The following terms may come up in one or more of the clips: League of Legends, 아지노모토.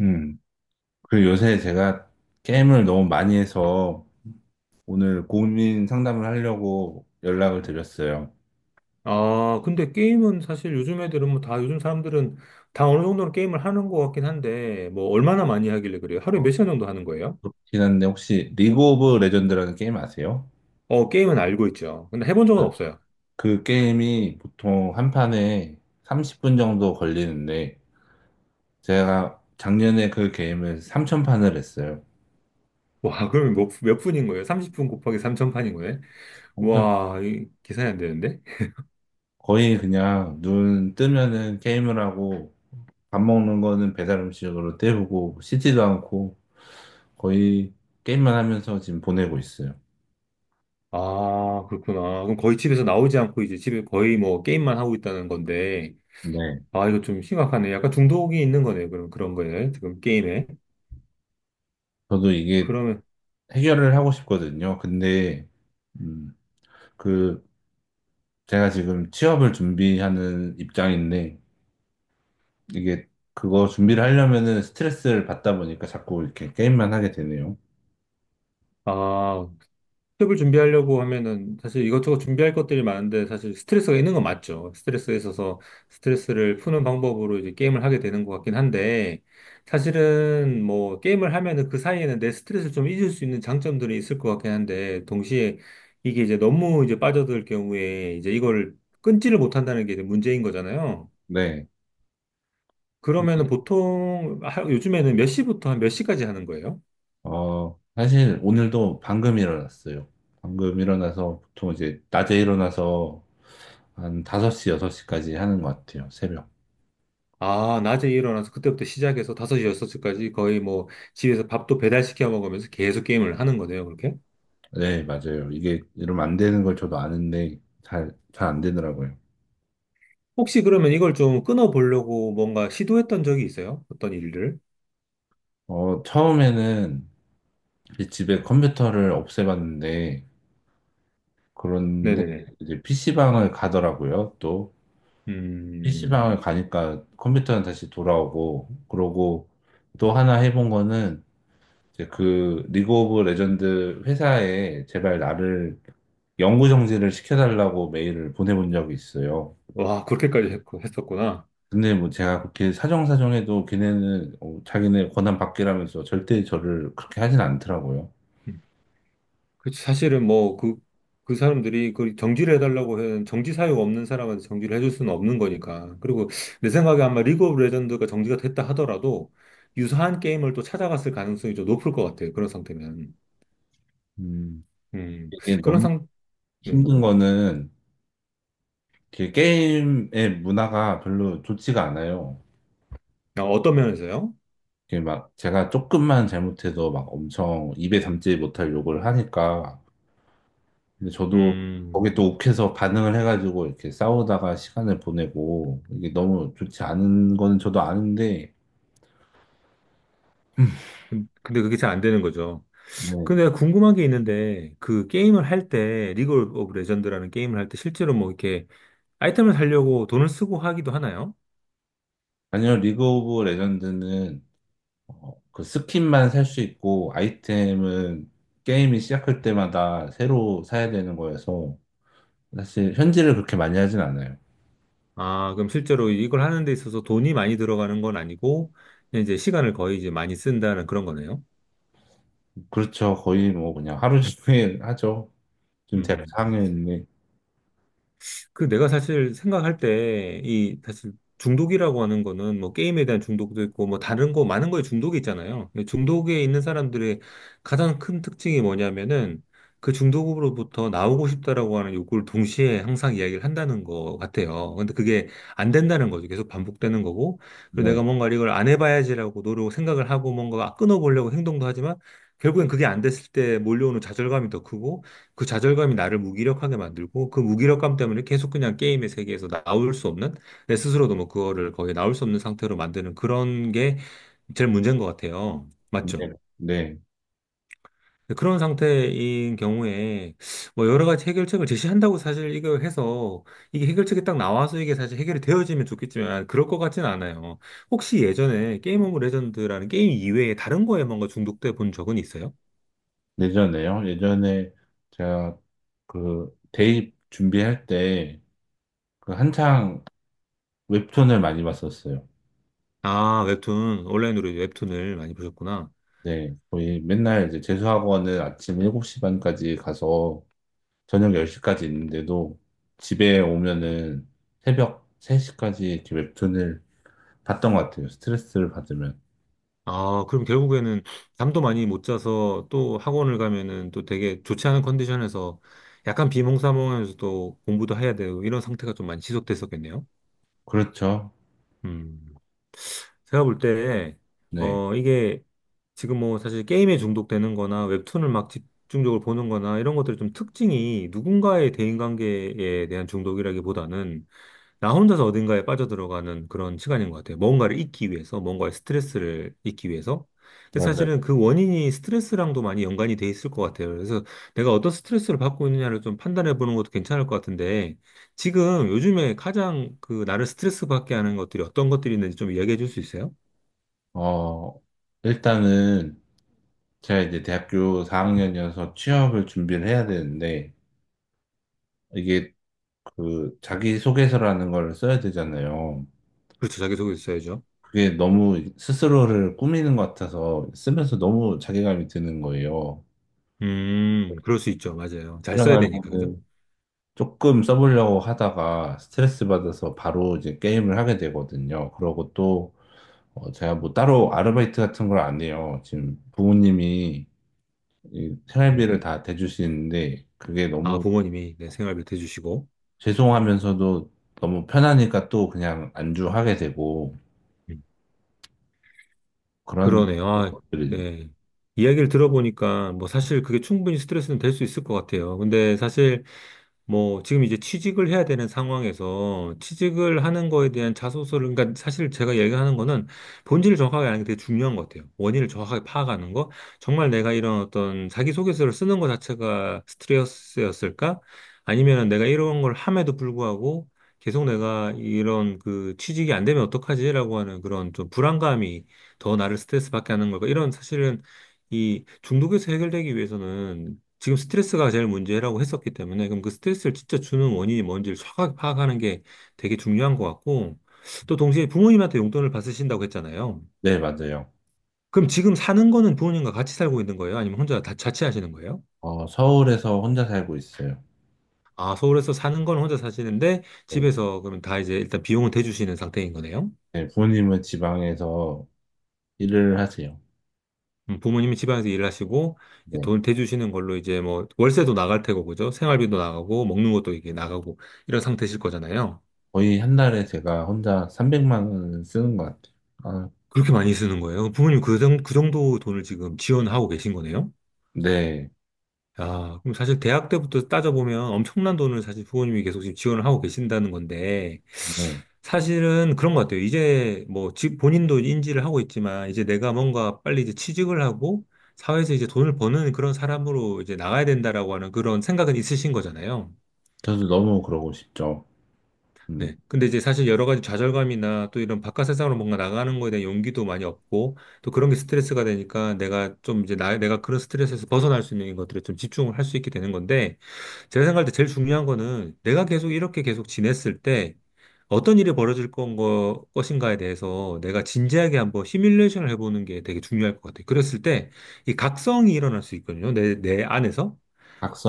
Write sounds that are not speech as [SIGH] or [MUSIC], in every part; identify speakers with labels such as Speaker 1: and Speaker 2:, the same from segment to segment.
Speaker 1: 음. 그리고 요새 제가 게임을 너무 많이 해서 오늘 고민 상담을 하려고 연락을 드렸어요.
Speaker 2: 아, 근데 게임은 사실 요즘 사람들은 다 어느 정도는 게임을 하는 것 같긴 한데, 뭐 얼마나 많이 하길래 그래요? 하루에 몇 시간 정도 하는 거예요?
Speaker 1: 그렇긴 한데 혹시 리그 오브 레전드라는 게임 아세요?
Speaker 2: 게임은 알고 있죠. 근데 해본
Speaker 1: 아,
Speaker 2: 적은 없어요. [LAUGHS]
Speaker 1: 그 게임이 보통 한 판에 30분 정도 걸리는데 제가 작년에 그 게임을 3천판을 했어요.
Speaker 2: 와, 그러면 몇 분인 거예요? 30분 곱하기 3,000판인 거예요?
Speaker 1: 삼천
Speaker 2: 와, 이 계산이 안 되는데?
Speaker 1: 거의 그냥 눈 뜨면은 게임을 하고 밥 먹는 거는 배달 음식으로 때우고 씻지도 않고 거의 게임만 하면서 지금 보내고 있어요.
Speaker 2: 아, 그렇구나. 그럼 거의 집에서 나오지 않고 이제 집에 거의 뭐 게임만 하고 있다는 건데,
Speaker 1: 네,
Speaker 2: 아, 이거 좀 심각하네. 약간 중독이 있는 거네요. 그럼 그런 거예요, 지금 게임에.
Speaker 1: 저도 이게
Speaker 2: 그러면,
Speaker 1: 해결을 하고 싶거든요. 근데, 음, 그, 제가 지금 취업을 준비하는 입장인데, 이게 그거 준비를 하려면은 스트레스를 받다 보니까 자꾸 이렇게 게임만 하게 되네요.
Speaker 2: 아, 취업을 준비하려고 하면은 사실 이것저것 준비할 것들이 많은데 사실 스트레스가 있는 건 맞죠. 스트레스가 있어서 스트레스를 푸는 방법으로 이제 게임을 하게 되는 것 같긴 한데, 사실은 뭐 게임을 하면은 그 사이에는 내 스트레스를 좀 잊을 수 있는 장점들이 있을 것 같긴 한데, 동시에 이게 이제 너무 이제 빠져들 경우에 이제 이걸 끊지를 못한다는 게 이제 문제인 거잖아요.
Speaker 1: 네,
Speaker 2: 그러면은 보통 요즘에는 몇 시부터 한 몇 시까지 하는 거예요?
Speaker 1: 어, 사실 오늘도 방금 일어났어요. 방금 일어나서 보통 이제 낮에 일어나서 한 5시, 6시까지 하는 것 같아요. 새벽.
Speaker 2: 아, 낮에 일어나서 그때부터 시작해서 5시 여섯시까지 거의 뭐 집에서 밥도 배달시켜 먹으면서 계속 게임을 하는 거네요, 그렇게?
Speaker 1: 네, 맞아요. 이게 이러면 안 되는 걸 저도 아는데, 잘 안 되더라고요.
Speaker 2: 혹시 그러면 이걸 좀 끊어보려고 뭔가 시도했던 적이 있어요? 어떤 일을?
Speaker 1: 어, 처음에는 이제 집에 컴퓨터를 없애봤는데, 그런데
Speaker 2: 네네네.
Speaker 1: 이제 PC방을 가더라고요, 또.
Speaker 2: 음.
Speaker 1: PC방을 가니까 컴퓨터는 다시 돌아오고, 그러고 또 하나 해본 거는, 이제 그 리그 오브 레전드 회사에 제발 나를 영구 정지를 시켜달라고 메일을 보내본 적이 있어요.
Speaker 2: 와, 했었구나.
Speaker 1: 근데 뭐 제가 그렇게 사정사정해도 걔네는 자기네 권한 밖이라면서 절대 저를 그렇게 하진 않더라고요.
Speaker 2: 음. 그 사실은 뭐 그, 그 사람들이 그 정지를 해달라고 해는 정지 사유가 없는 사람한테 정지를 해줄 수는 없는 거니까. 그리고 내 생각에 아마 리그 오브 레전드가 정지가 됐다 하더라도 유사한 게임을 또 찾아갔을 가능성이 좀 높을 것 같아요, 그런 상태면.
Speaker 1: 음,
Speaker 2: 음.
Speaker 1: 이게
Speaker 2: 그런
Speaker 1: 너무
Speaker 2: 상, 음.
Speaker 1: 힘든 거는 그 게임의 문화가 별로 좋지가 않아요.
Speaker 2: 아, 어떤 면에서요?
Speaker 1: 그게 막 제가 조금만 잘못해도 막 엄청 입에 담지 못할 욕을 하니까. 근데 저도
Speaker 2: 음.
Speaker 1: 거기에 또 욱해서 반응을 해가지고 이렇게 싸우다가 시간을 보내고 이게 너무 좋지 않은 거는 저도 아는데,
Speaker 2: 근데 그게 잘 안 되는 거죠.
Speaker 1: 뭐,
Speaker 2: 근데 내가 궁금한 게 있는데, 그 게임을 할 때, 리그 오브 레전드라는 게임을 할 때 실제로 뭐 이렇게 아이템을 사려고 돈을 쓰고 하기도 하나요?
Speaker 1: 아니요, 리그 오브 레전드는 그 스킨만 살 수 있고 아이템은 게임이 시작할 때마다 새로 사야 되는 거여서 사실 현질을 그렇게 많이 하진 않아요.
Speaker 2: 아, 그럼 실제로 이걸 하는 데 있어서 돈이 많이 들어가는 건 아니고, 그냥 이제 시간을 거의 이제 많이 쓴다는 그런 거네요.
Speaker 1: 그렇죠. 거의 뭐 그냥 하루 종일 하죠. 지금 대학
Speaker 2: 음.
Speaker 1: 4학년인데,
Speaker 2: 그 내가 사실 생각할 때 이 사실 중독이라고 하는 거는 뭐 게임에 대한 중독도 있고 뭐 다른 거 많은 거에 중독이 있잖아요. 근데 중독에 있는 사람들의 가장 큰 특징이 뭐냐면은 그 중독으로부터 나오고 싶다라고 하는 욕구를 동시에 항상 이야기를 한다는 거 같아요. 근데 그게 안 된다는 거죠. 계속 반복되는 거고. 그리고
Speaker 1: 네,
Speaker 2: 내가 뭔가 이걸 안 해봐야지라고 노력 생각을 하고 뭔가 끊어보려고 행동도 하지만 결국엔 그게 안 됐을 때 몰려오는 좌절감이 더 크고, 그 좌절감이 나를 무기력하게 만들고 그 무기력감 때문에 계속 그냥 게임의 세계에서 나올 수 없는, 내 스스로도 뭐 그거를 거의 나올 수 없는 상태로 만드는 그런 게 제일 문제인 것 같아요.
Speaker 1: 네,
Speaker 2: 맞죠?
Speaker 1: 네.
Speaker 2: 그런 상태인 경우에 뭐 여러 가지 해결책을 제시한다고 사실 이거 해서 이게 해결책이 딱 나와서 이게 사실 해결이 되어지면 좋겠지만, 아, 그럴 것 같진 않아요. 혹시 예전에 게임 오브 레전드라는 게임 이외에 다른 거에 뭔가 중독돼 본 적은 있어요?
Speaker 1: 예전에요. 예전에 제가 그 대입 준비할 때 그 한창 웹툰을 많이 봤었어요.
Speaker 2: 아, 웹툰, 온라인으로 웹툰을 많이 보셨구나.
Speaker 1: 네, 거의 맨날 이제 재수학원은 아침 7시 반까지 가서 저녁 10시까지 있는데도 집에 오면은 새벽 3시까지 이렇게 웹툰을 봤던 것 같아요. 스트레스를 받으면.
Speaker 2: 아, 그럼 결국에는 잠도 많이 못 자서 또 학원을 가면은 또 되게 좋지 않은 컨디션에서 약간 비몽사몽하면서도 공부도 해야 되고 이런 상태가 좀 많이 지속됐었겠네요.
Speaker 1: 그렇죠.
Speaker 2: 음. 제가 볼 때,
Speaker 1: 네,
Speaker 2: 이게 지금 뭐 사실 게임에 중독되는 거나 웹툰을 막 집중적으로 보는 거나 이런 것들이 좀 특징이 누군가의 대인관계에 대한 중독이라기보다는 나 혼자서 어딘가에 빠져들어가는 그런 시간인 것 같아요. 뭔가를 잊기 위해서, 뭔가의 스트레스를 잊기 위해서. 근데
Speaker 1: 맞아요.
Speaker 2: 사실은 그 원인이 스트레스랑도 많이 연관이 돼 있을 것 같아요. 그래서 내가 어떤 스트레스를 받고 있느냐를 좀 판단해 보는 것도 괜찮을 것 같은데, 지금 요즘에 가장 그 나를 스트레스 받게 하는 것들이 어떤 것들이 있는지 좀 이야기해 줄 수 있어요?
Speaker 1: 어, 일단은 제가 이제 대학교 4학년이어서 취업을 준비를 해야 되는데, 이게 그 자기소개서라는 걸 써야 되잖아요.
Speaker 2: 그렇죠, 자기소개 있어야죠.
Speaker 1: 그게 너무 스스로를 꾸미는 것 같아서 쓰면서 너무 자괴감이 드는 거예요.
Speaker 2: 그럴 수 있죠. 맞아요. 잘 써야 되니까, 그죠?
Speaker 1: 일어나면은 조금 써보려고 하다가 스트레스 받아서 바로 이제 게임을 하게 되거든요. 그러고 또 어, 제가 뭐 따로 아르바이트 같은 걸 안 해요. 지금 부모님이 이
Speaker 2: 음.
Speaker 1: 생활비를 다 대주시는데 그게
Speaker 2: 아,
Speaker 1: 너무
Speaker 2: 부모님이 내 생활비 대주시고.
Speaker 1: 죄송하면서도 너무 편하니까 또 그냥 안주하게 되고 그런
Speaker 2: 그러네요. 아,
Speaker 1: 것들이죠.
Speaker 2: 네. 이야기를 들어보니까 뭐 사실 그게 충분히 스트레스는 될 수 있을 것 같아요. 근데 사실 뭐, 지금 이제 취직을 해야 되는 상황에서 취직을 하는 거에 대한 자소서를, 그러니까 사실 제가 얘기하는 거는 본질을 정확하게 아는 게 되게 중요한 것 같아요. 원인을 정확하게 파악하는 거. 정말 내가 이런 어떤 자기소개서를 쓰는 것 자체가 스트레스였을까? 아니면은 내가 이런 걸 함에도 불구하고 계속 내가 이런 그 취직이 안 되면 어떡하지라고 하는 그런 좀 불안감이 더 나를 스트레스 받게 하는 걸까? 이런, 사실은 이 중독에서 해결되기 위해서는 지금 스트레스가 제일 문제라고 했었기 때문에 그럼 그 스트레스를 진짜 주는 원인이 뭔지를 정확하게 파악하는 게 되게 중요한 것 같고, 또 동시에 부모님한테 용돈을 받으신다고 했잖아요.
Speaker 1: 네, 맞아요.
Speaker 2: 그럼 지금 사는 거는 부모님과 같이 살고 있는 거예요? 아니면 혼자 다 자취하시는 거예요?
Speaker 1: 어, 서울에서 혼자 살고 있어요.
Speaker 2: 아, 서울에서 사는 건 혼자 사시는데
Speaker 1: 어,
Speaker 2: 집에서 그럼 다 이제 일단 비용은 대주시는 상태인 거네요?
Speaker 1: 네, 부모님은 지방에서 일을 하세요.
Speaker 2: 부모님이 집안에서 일하시고 이제
Speaker 1: 네,
Speaker 2: 돈을 대주시는 걸로 이제 뭐 월세도 나갈 테고, 그죠? 생활비도 나가고 먹는 것도 이게 나가고 이런 상태실 거잖아요.
Speaker 1: 거의 한 달에 제가 혼자 300만 원을 쓰는 것 같아요. 아,
Speaker 2: 그렇게 많이 쓰는 거예요? 부모님 그 정도 돈을 지금 지원하고 계신 거네요?
Speaker 1: 네,
Speaker 2: 아, 그럼 사실 대학 때부터 따져보면 엄청난 돈을 사실 부모님이 계속 지금 지원을 하고 계신다는 건데,
Speaker 1: 네.
Speaker 2: 사실은 그런 것 같아요. 이제 뭐, 본인도 인지를 하고 있지만, 이제 내가 뭔가 빨리 이제 취직을 하고, 사회에서 이제 돈을 버는 그런 사람으로 이제 나가야 된다라고 하는 그런 생각은 있으신 거잖아요.
Speaker 1: 저도 너무 그러고 싶죠. 음,
Speaker 2: 네. 근데 이제 사실 여러 가지 좌절감이나 또 이런 바깥 세상으로 뭔가 나가는 거에 대한 용기도 많이 없고 또 그런 게 스트레스가 되니까 내가 좀 이제 나, 내가 그런 스트레스에서 벗어날 수 있는 것들에 좀 집중을 할 수 있게 되는 건데, 제가 생각할 때 제일 중요한 거는 내가 계속 이렇게 계속 지냈을 때 어떤 일이 벌어질 것인가에 대해서 내가 진지하게 한번 시뮬레이션을 해보는 게 되게 중요할 것 같아요. 그랬을 때 이 각성이 일어날 수 있거든요. 내 안에서.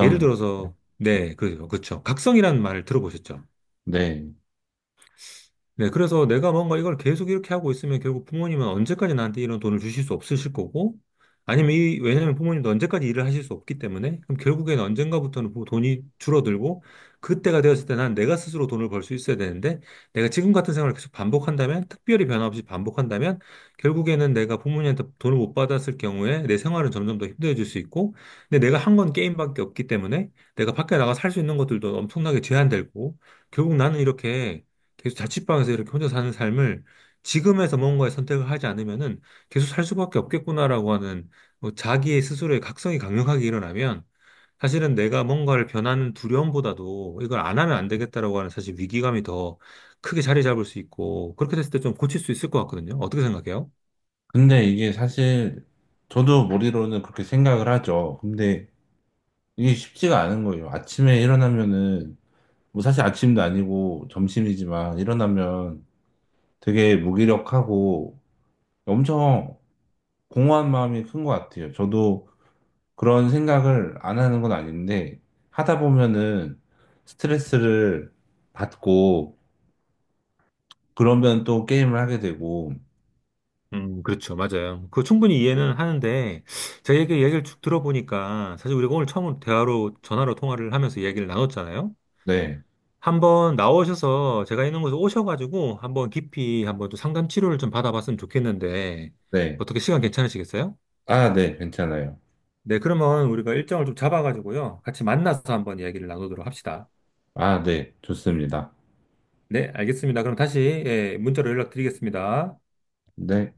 Speaker 2: 예를 들어서, 네, 그렇죠, 그렇죠. 각성이라는 말을 들어보셨죠?
Speaker 1: 네.
Speaker 2: 네, 그래서 내가 뭔가 이걸 계속 이렇게 하고 있으면 결국 부모님은 언제까지 나한테 이런 돈을 주실 수 없으실 거고, 아니면 이, 왜냐면 부모님도 언제까지 일을 하실 수 없기 때문에, 그럼 결국엔 언젠가부터는 돈이 줄어들고, 그때가 되었을 때 난 내가 스스로 돈을 벌 수 있어야 되는데, 내가 지금 같은 생활을 계속 반복한다면, 특별히 변화 없이 반복한다면, 결국에는 내가 부모님한테 돈을 못 받았을 경우에 내 생활은 점점 더 힘들어질 수 있고, 근데 내가 한 건 게임밖에 없기 때문에, 내가 밖에 나가 살 수 있는 것들도 엄청나게 제한되고, 결국 나는 이렇게 계속 자취방에서 이렇게 혼자 사는 삶을 지금에서 뭔가의 선택을 하지 않으면은 계속 살 수밖에 없겠구나라고 하는, 뭐 자기의 스스로의 각성이 강력하게 일어나면 사실은 내가 뭔가를 변하는 두려움보다도 이걸 안 하면 안 되겠다라고 하는 사실 위기감이 더 크게 자리 잡을 수 있고, 그렇게 됐을 때 좀 고칠 수 있을 것 같거든요. 어떻게 생각해요?
Speaker 1: 근데 이게 사실 저도 머리로는 그렇게 생각을 하죠. 근데 이게 쉽지가 않은 거예요. 아침에 일어나면은, 뭐 사실 아침도 아니고 점심이지만 일어나면 되게 무기력하고 엄청 공허한 마음이 큰 것 같아요. 저도 그런 생각을 안 하는 건 아닌데, 하다 보면은 스트레스를 받고, 그러면 또 게임을 하게 되고,
Speaker 2: 그렇죠. 맞아요. 그거 충분히 이해는 하는데, 제가 얘기를 쭉 들어보니까, 사실 우리가 오늘 처음 대화로, 전화로 통화를 하면서 이야기를 나눴잖아요.
Speaker 1: 네,
Speaker 2: 한번 나오셔서 제가 있는 곳에 오셔가지고 한번 깊이 한번 좀 상담 치료를 좀 받아봤으면 좋겠는데
Speaker 1: 네.
Speaker 2: 어떻게 시간 괜찮으시겠어요?
Speaker 1: 아, 네, 괜찮아요.
Speaker 2: 네, 그러면 우리가 일정을 좀 잡아가지고요, 같이 만나서 한번 이야기를 나누도록 합시다.
Speaker 1: 아, 네, 좋습니다.
Speaker 2: 네, 알겠습니다. 그럼 다시, 예, 문자로 연락드리겠습니다.
Speaker 1: 네.